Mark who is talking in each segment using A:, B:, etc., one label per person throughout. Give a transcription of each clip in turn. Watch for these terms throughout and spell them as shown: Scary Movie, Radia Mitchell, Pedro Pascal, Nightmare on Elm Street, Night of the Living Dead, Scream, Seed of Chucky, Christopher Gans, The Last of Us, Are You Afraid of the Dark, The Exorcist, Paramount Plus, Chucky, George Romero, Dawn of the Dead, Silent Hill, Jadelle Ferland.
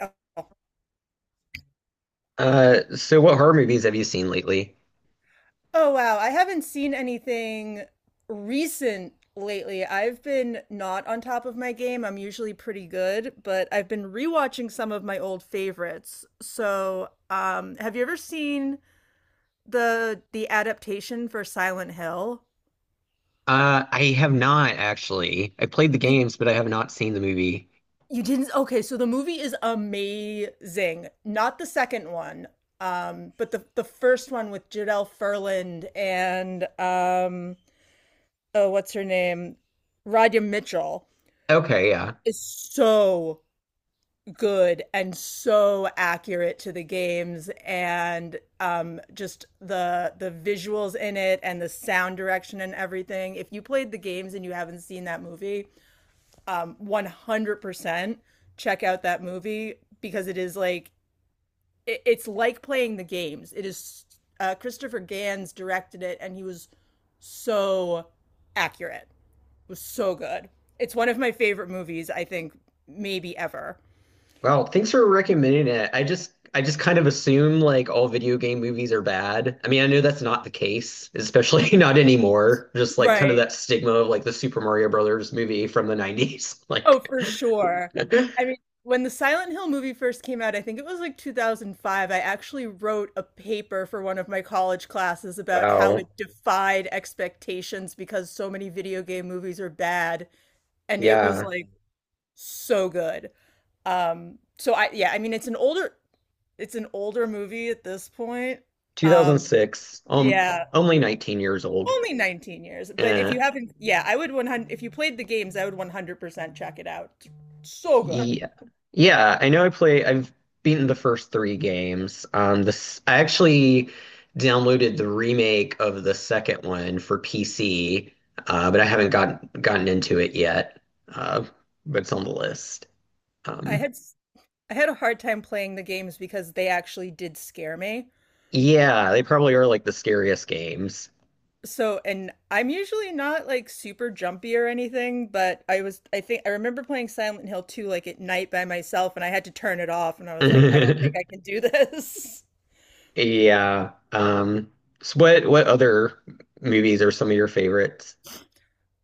A: Oh.
B: So what horror movies have you seen lately?
A: Oh, wow. I haven't seen anything recent lately. I've been not on top of my game. I'm usually pretty good, but I've been rewatching some of my old favorites. So, have you ever seen the adaptation for Silent Hill?
B: I have not actually. I played the
A: Did,
B: games, but I have not seen the movie.
A: you didn't? Okay, so the movie is amazing. Not the second one, but the first one with Jadelle Ferland and oh, what's her name? Radia Mitchell
B: Okay, yeah.
A: is so good and so accurate to the games, and just the visuals in it and the sound direction and everything. If you played the games and you haven't seen that movie, 100% check out that movie because it is like it's like playing the games. It is Christopher Gans directed it, and he was so accurate. It was so good. It's one of my favorite movies, I think, maybe ever.
B: Well, thanks for recommending it. I just kind of assume like all video game movies are bad. I mean, I know that's not the case, especially not anymore. Just like kind of
A: Right.
B: that stigma of like the Super Mario Brothers movie from the 90s.
A: Oh,
B: Like
A: for sure. I mean, when the Silent Hill movie first came out, I think it was like 2005, I actually wrote a paper for one of my college classes about how
B: wow.
A: it defied expectations because so many video game movies are bad, and it was
B: Yeah.
A: like so good. So I yeah, I mean it's an older, it's an older movie at this point. Um,
B: 2006.
A: yeah.
B: Only 19 years old.
A: Only 19 years, but if
B: Eh,
A: you haven't, yeah, I would 100, if you played the games, I would 100% check it out. So good.
B: yeah. Yeah, I know I've beaten the first three games. This I actually downloaded the remake of the second one for PC, but I haven't gotten into it yet. Uh, but it's on the list.
A: I
B: Um
A: had s- I had a hard time playing the games because they actually did scare me.
B: yeah, they probably are like the scariest games.
A: So, and I'm usually not like super jumpy or anything, but I was, I think I remember playing Silent Hill 2 like at night by myself and I had to turn it off and I was like, I don't think I can do this.
B: Yeah. So what other movies are some of your favorites?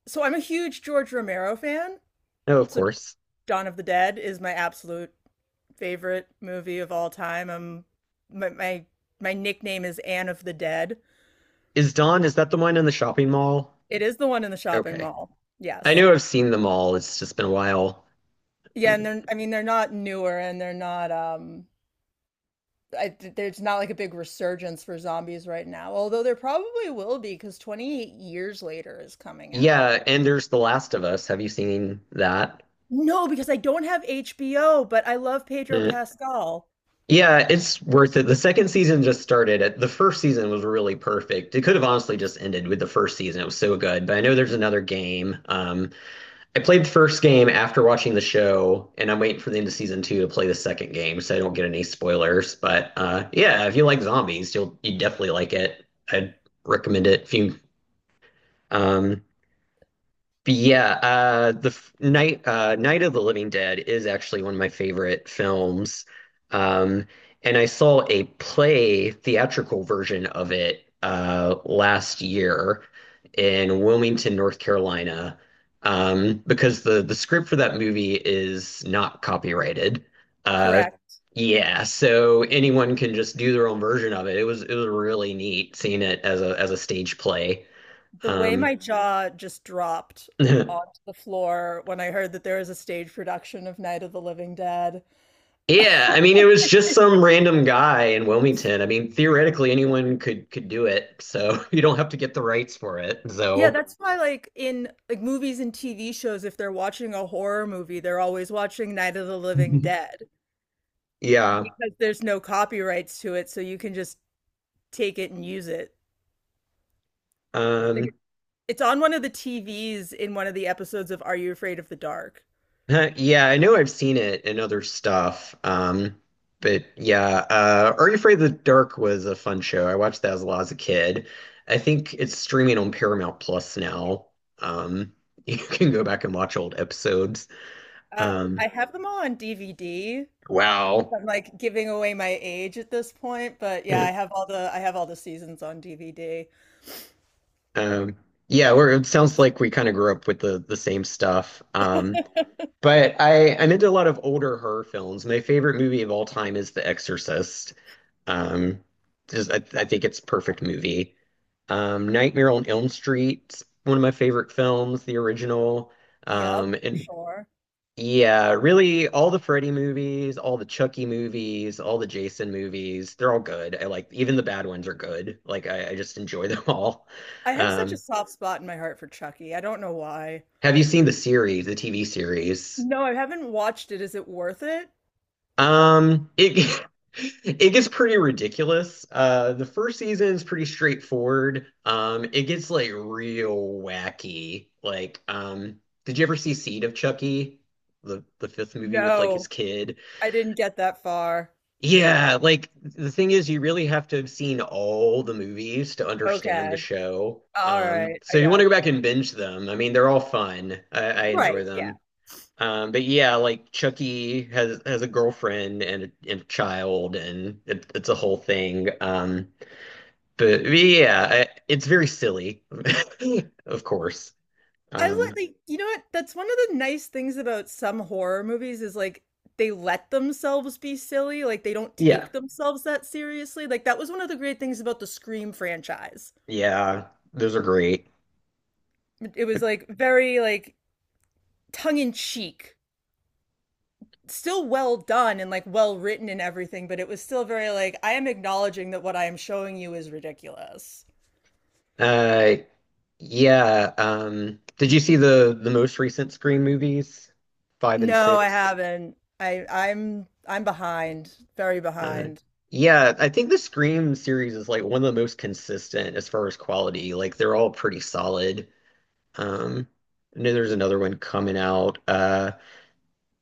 A: So, I'm a huge George Romero fan.
B: Oh, of
A: So,
B: course.
A: Dawn of the Dead is my absolute favorite movie of all time. My, my my nickname is Anne of the Dead.
B: Is Dawn, is that the one in the shopping mall?
A: It is the one in the shopping
B: Okay.
A: mall.
B: I
A: Yes.
B: know I've seen them all. It's just been a while.
A: Yeah, and they're, I mean they're not newer and they're not there's not like a big resurgence for zombies right now. Although there probably will be because 28 years later is coming out.
B: Yeah, and there's The Last of Us. Have you seen that?
A: No, because I don't have HBO, but I love Pedro
B: Eh.
A: Pascal.
B: Yeah, it's worth it. The second season just started. It- The first season was really perfect. It could have honestly just ended with the first season. It was so good. But I know there's another game. I played the first game after watching the show, and I'm waiting for the end of season two to play the second game, so I don't get any spoilers. But yeah, if you like zombies, you definitely like it. I'd recommend it if you um, but yeah, the f- Night Night of the Living Dead is actually one of my favorite films, um, and I saw a play theatrical version of it last year in Wilmington, North Carolina, because the script for that movie is not copyrighted. Uh,
A: Correct.
B: yeah, so anyone can just do their own version of it. It was really neat seeing it as a stage play.
A: The way
B: Um,
A: my jaw just dropped onto the floor when I heard that there was a stage production of Night of the Living Dead.
B: Yeah, I mean it was just some random guy in Wilmington. I mean theoretically anyone could do it. So you don't have to get the rights for it.
A: Yeah,
B: So
A: that's why like in like movies and TV shows, if they're watching a horror movie, they're always watching Night of the Living Dead
B: yeah.
A: because there's no copyrights to it, so you can just take it and use it.
B: Um
A: Like, it's on one of the TVs in one of the episodes of Are You Afraid of the Dark?
B: yeah, I know I've seen it in other stuff. But yeah, Are You Afraid of the Dark was a fun show. I watched that as a lot as a kid. I think it's streaming on Paramount Plus now. Um you can go back and watch old episodes.
A: I
B: Um
A: have them all on DVD.
B: wow.
A: I'm like giving away my age at this point, but yeah,
B: Yeah.
A: I have all the, I have all the seasons on DVD.
B: Um, it sounds like we kind of grew up with the same stuff. But I'm into a lot of older horror films. My favorite movie of all time is The Exorcist. Um, just I think it's a perfect movie. Nightmare on Elm Street, one of my favorite films, the original.
A: Yep, for
B: And
A: sure.
B: Yeah, really all the Freddy movies, all the Chucky movies, all the Jason movies, they're all good. I like even the bad ones are good. Like I just enjoy them all.
A: I have such a
B: Um,
A: soft spot in my heart for Chucky. I don't know why.
B: Have you seen the series, the TV series?
A: No, I haven't watched it. Is it worth it?
B: It it gets pretty ridiculous. The first season is pretty straightforward. It gets like real wacky. Like, did you ever see Seed of Chucky? The fifth movie with like his
A: No,
B: kid.
A: I didn't get that far.
B: Yeah, like the thing is you really have to have seen all the movies to understand the
A: Okay.
B: show.
A: All right.
B: So
A: I
B: if you want to go
A: gotcha.
B: back and binge them. I mean, they're all fun. I enjoy
A: Right. Yeah.
B: them. But yeah, like Chucky has a girlfriend and a child, and it's a whole thing. But yeah, it's very silly, of course.
A: I let,
B: Um,
A: like, you know what? That's one of the nice things about some horror movies is like they let themselves be silly, like they don't
B: yeah,
A: take themselves that seriously. Like that was one of the great things about the Scream franchise.
B: yeah, those are great.
A: It was like very like tongue in cheek, still well done and like well written and everything, but it was still very like I am acknowledging that what I am showing you is ridiculous.
B: Uh, yeah. Did you see the most recent Scream movies, five and
A: No, I
B: six?
A: haven't. I'm behind, very
B: Uh,
A: behind.
B: yeah, I think the Scream series is like one of the most consistent as far as quality. Like they're all pretty solid. Um, I know there's another one coming out. Have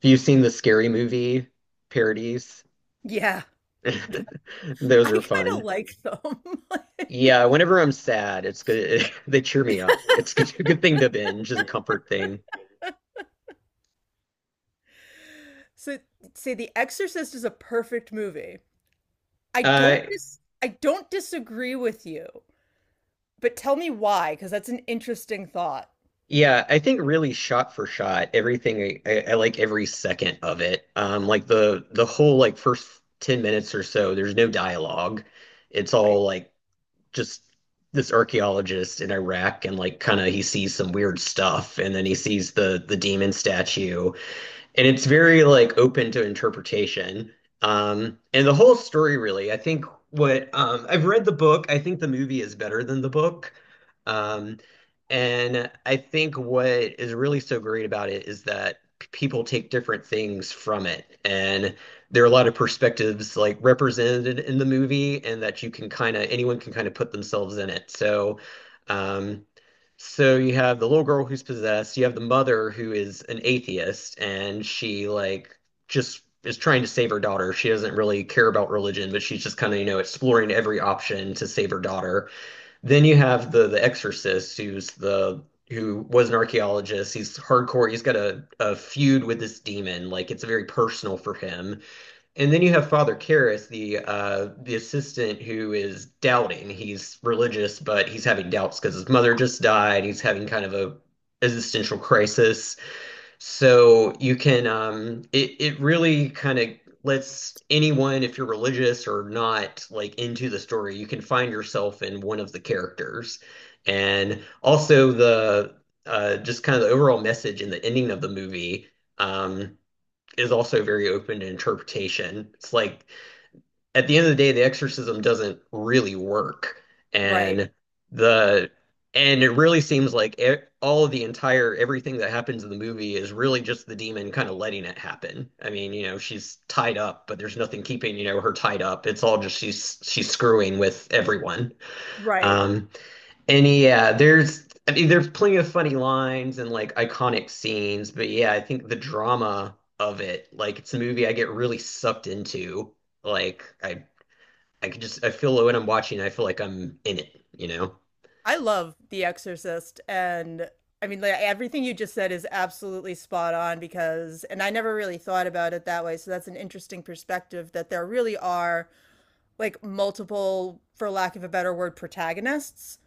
B: you seen the Scary Movie parodies?
A: Yeah,
B: Those
A: I
B: are
A: kind of
B: fun.
A: like them.
B: Yeah,
A: Like,
B: whenever I'm sad, it's good. They cheer me up. It's good, a good thing to binge is a comfort thing.
A: so say The Exorcist is a perfect movie.
B: Uh,
A: I don't disagree with you, but tell me why, because that's an interesting thought.
B: yeah, I think really shot for shot, everything I like every second of it. Like the whole like first 10 minutes or so, there's no dialogue. It's
A: Right.
B: all like just this archaeologist in Iraq and like kind of he sees some weird stuff and then he sees the demon statue and it's very like open to interpretation. And the whole story really, I think what I've read the book, I think the movie is better than the book. Um, and I think what is really so great about it is that people take different things from it. And there are a lot of perspectives like represented in the movie, and that you can kind of, anyone can kind of put themselves in it. So, um, so you have the little girl who's possessed, you have the mother who is an atheist, and she like just is trying to save her daughter. She doesn't really care about religion, but she's just kind of, you know, exploring every option to save her daughter. Then you have the exorcist who's the who was an archaeologist. He's hardcore. He's got a feud with this demon. Like it's very personal for him. And then you have Father Karras, the assistant who is doubting. He's religious, but he's having doubts because his mother just died. He's having kind of a existential crisis. So you can it really kind of lets anyone, if you're religious or not, like into the story, you can find yourself in one of the characters. And also the just kind of the overall message in the ending of the movie. Um, is also very open to interpretation. It's like at the end of the day, the exorcism doesn't really work,
A: Right.
B: and the and it really seems like e all of the entire everything that happens in the movie is really just the demon kind of letting it happen. I mean, you know, she's tied up, but there's nothing keeping, you know, her tied up. It's all just she's screwing with everyone.
A: Right.
B: Um, and yeah, there's I mean there's plenty of funny lines and like iconic scenes, but yeah, I think the drama of it, like it's a movie I get really sucked into. Like I could just I feel when I'm watching, I feel like I'm in it, you know?
A: I love The Exorcist, and I mean like everything you just said is absolutely spot on because, and I never really thought about it that way, so that's an interesting perspective that there really are like multiple, for lack of a better word, protagonists,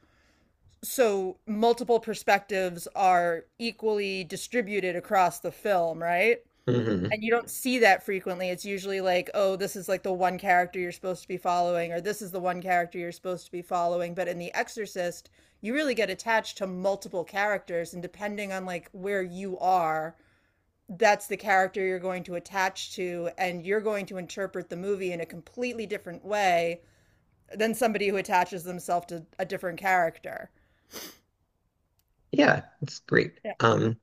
A: so multiple perspectives are equally distributed across the film, right?
B: Hmm.
A: And you don't see that frequently. It's usually like, oh, this is like the one character you're supposed to be following, or this is the one character you're supposed to be following. But in The Exorcist, you really get attached to multiple characters, and depending on like where you are, that's the character you're going to attach to, and you're going to interpret the movie in a completely different way than somebody who attaches themselves to a different character
B: Yeah, it's great.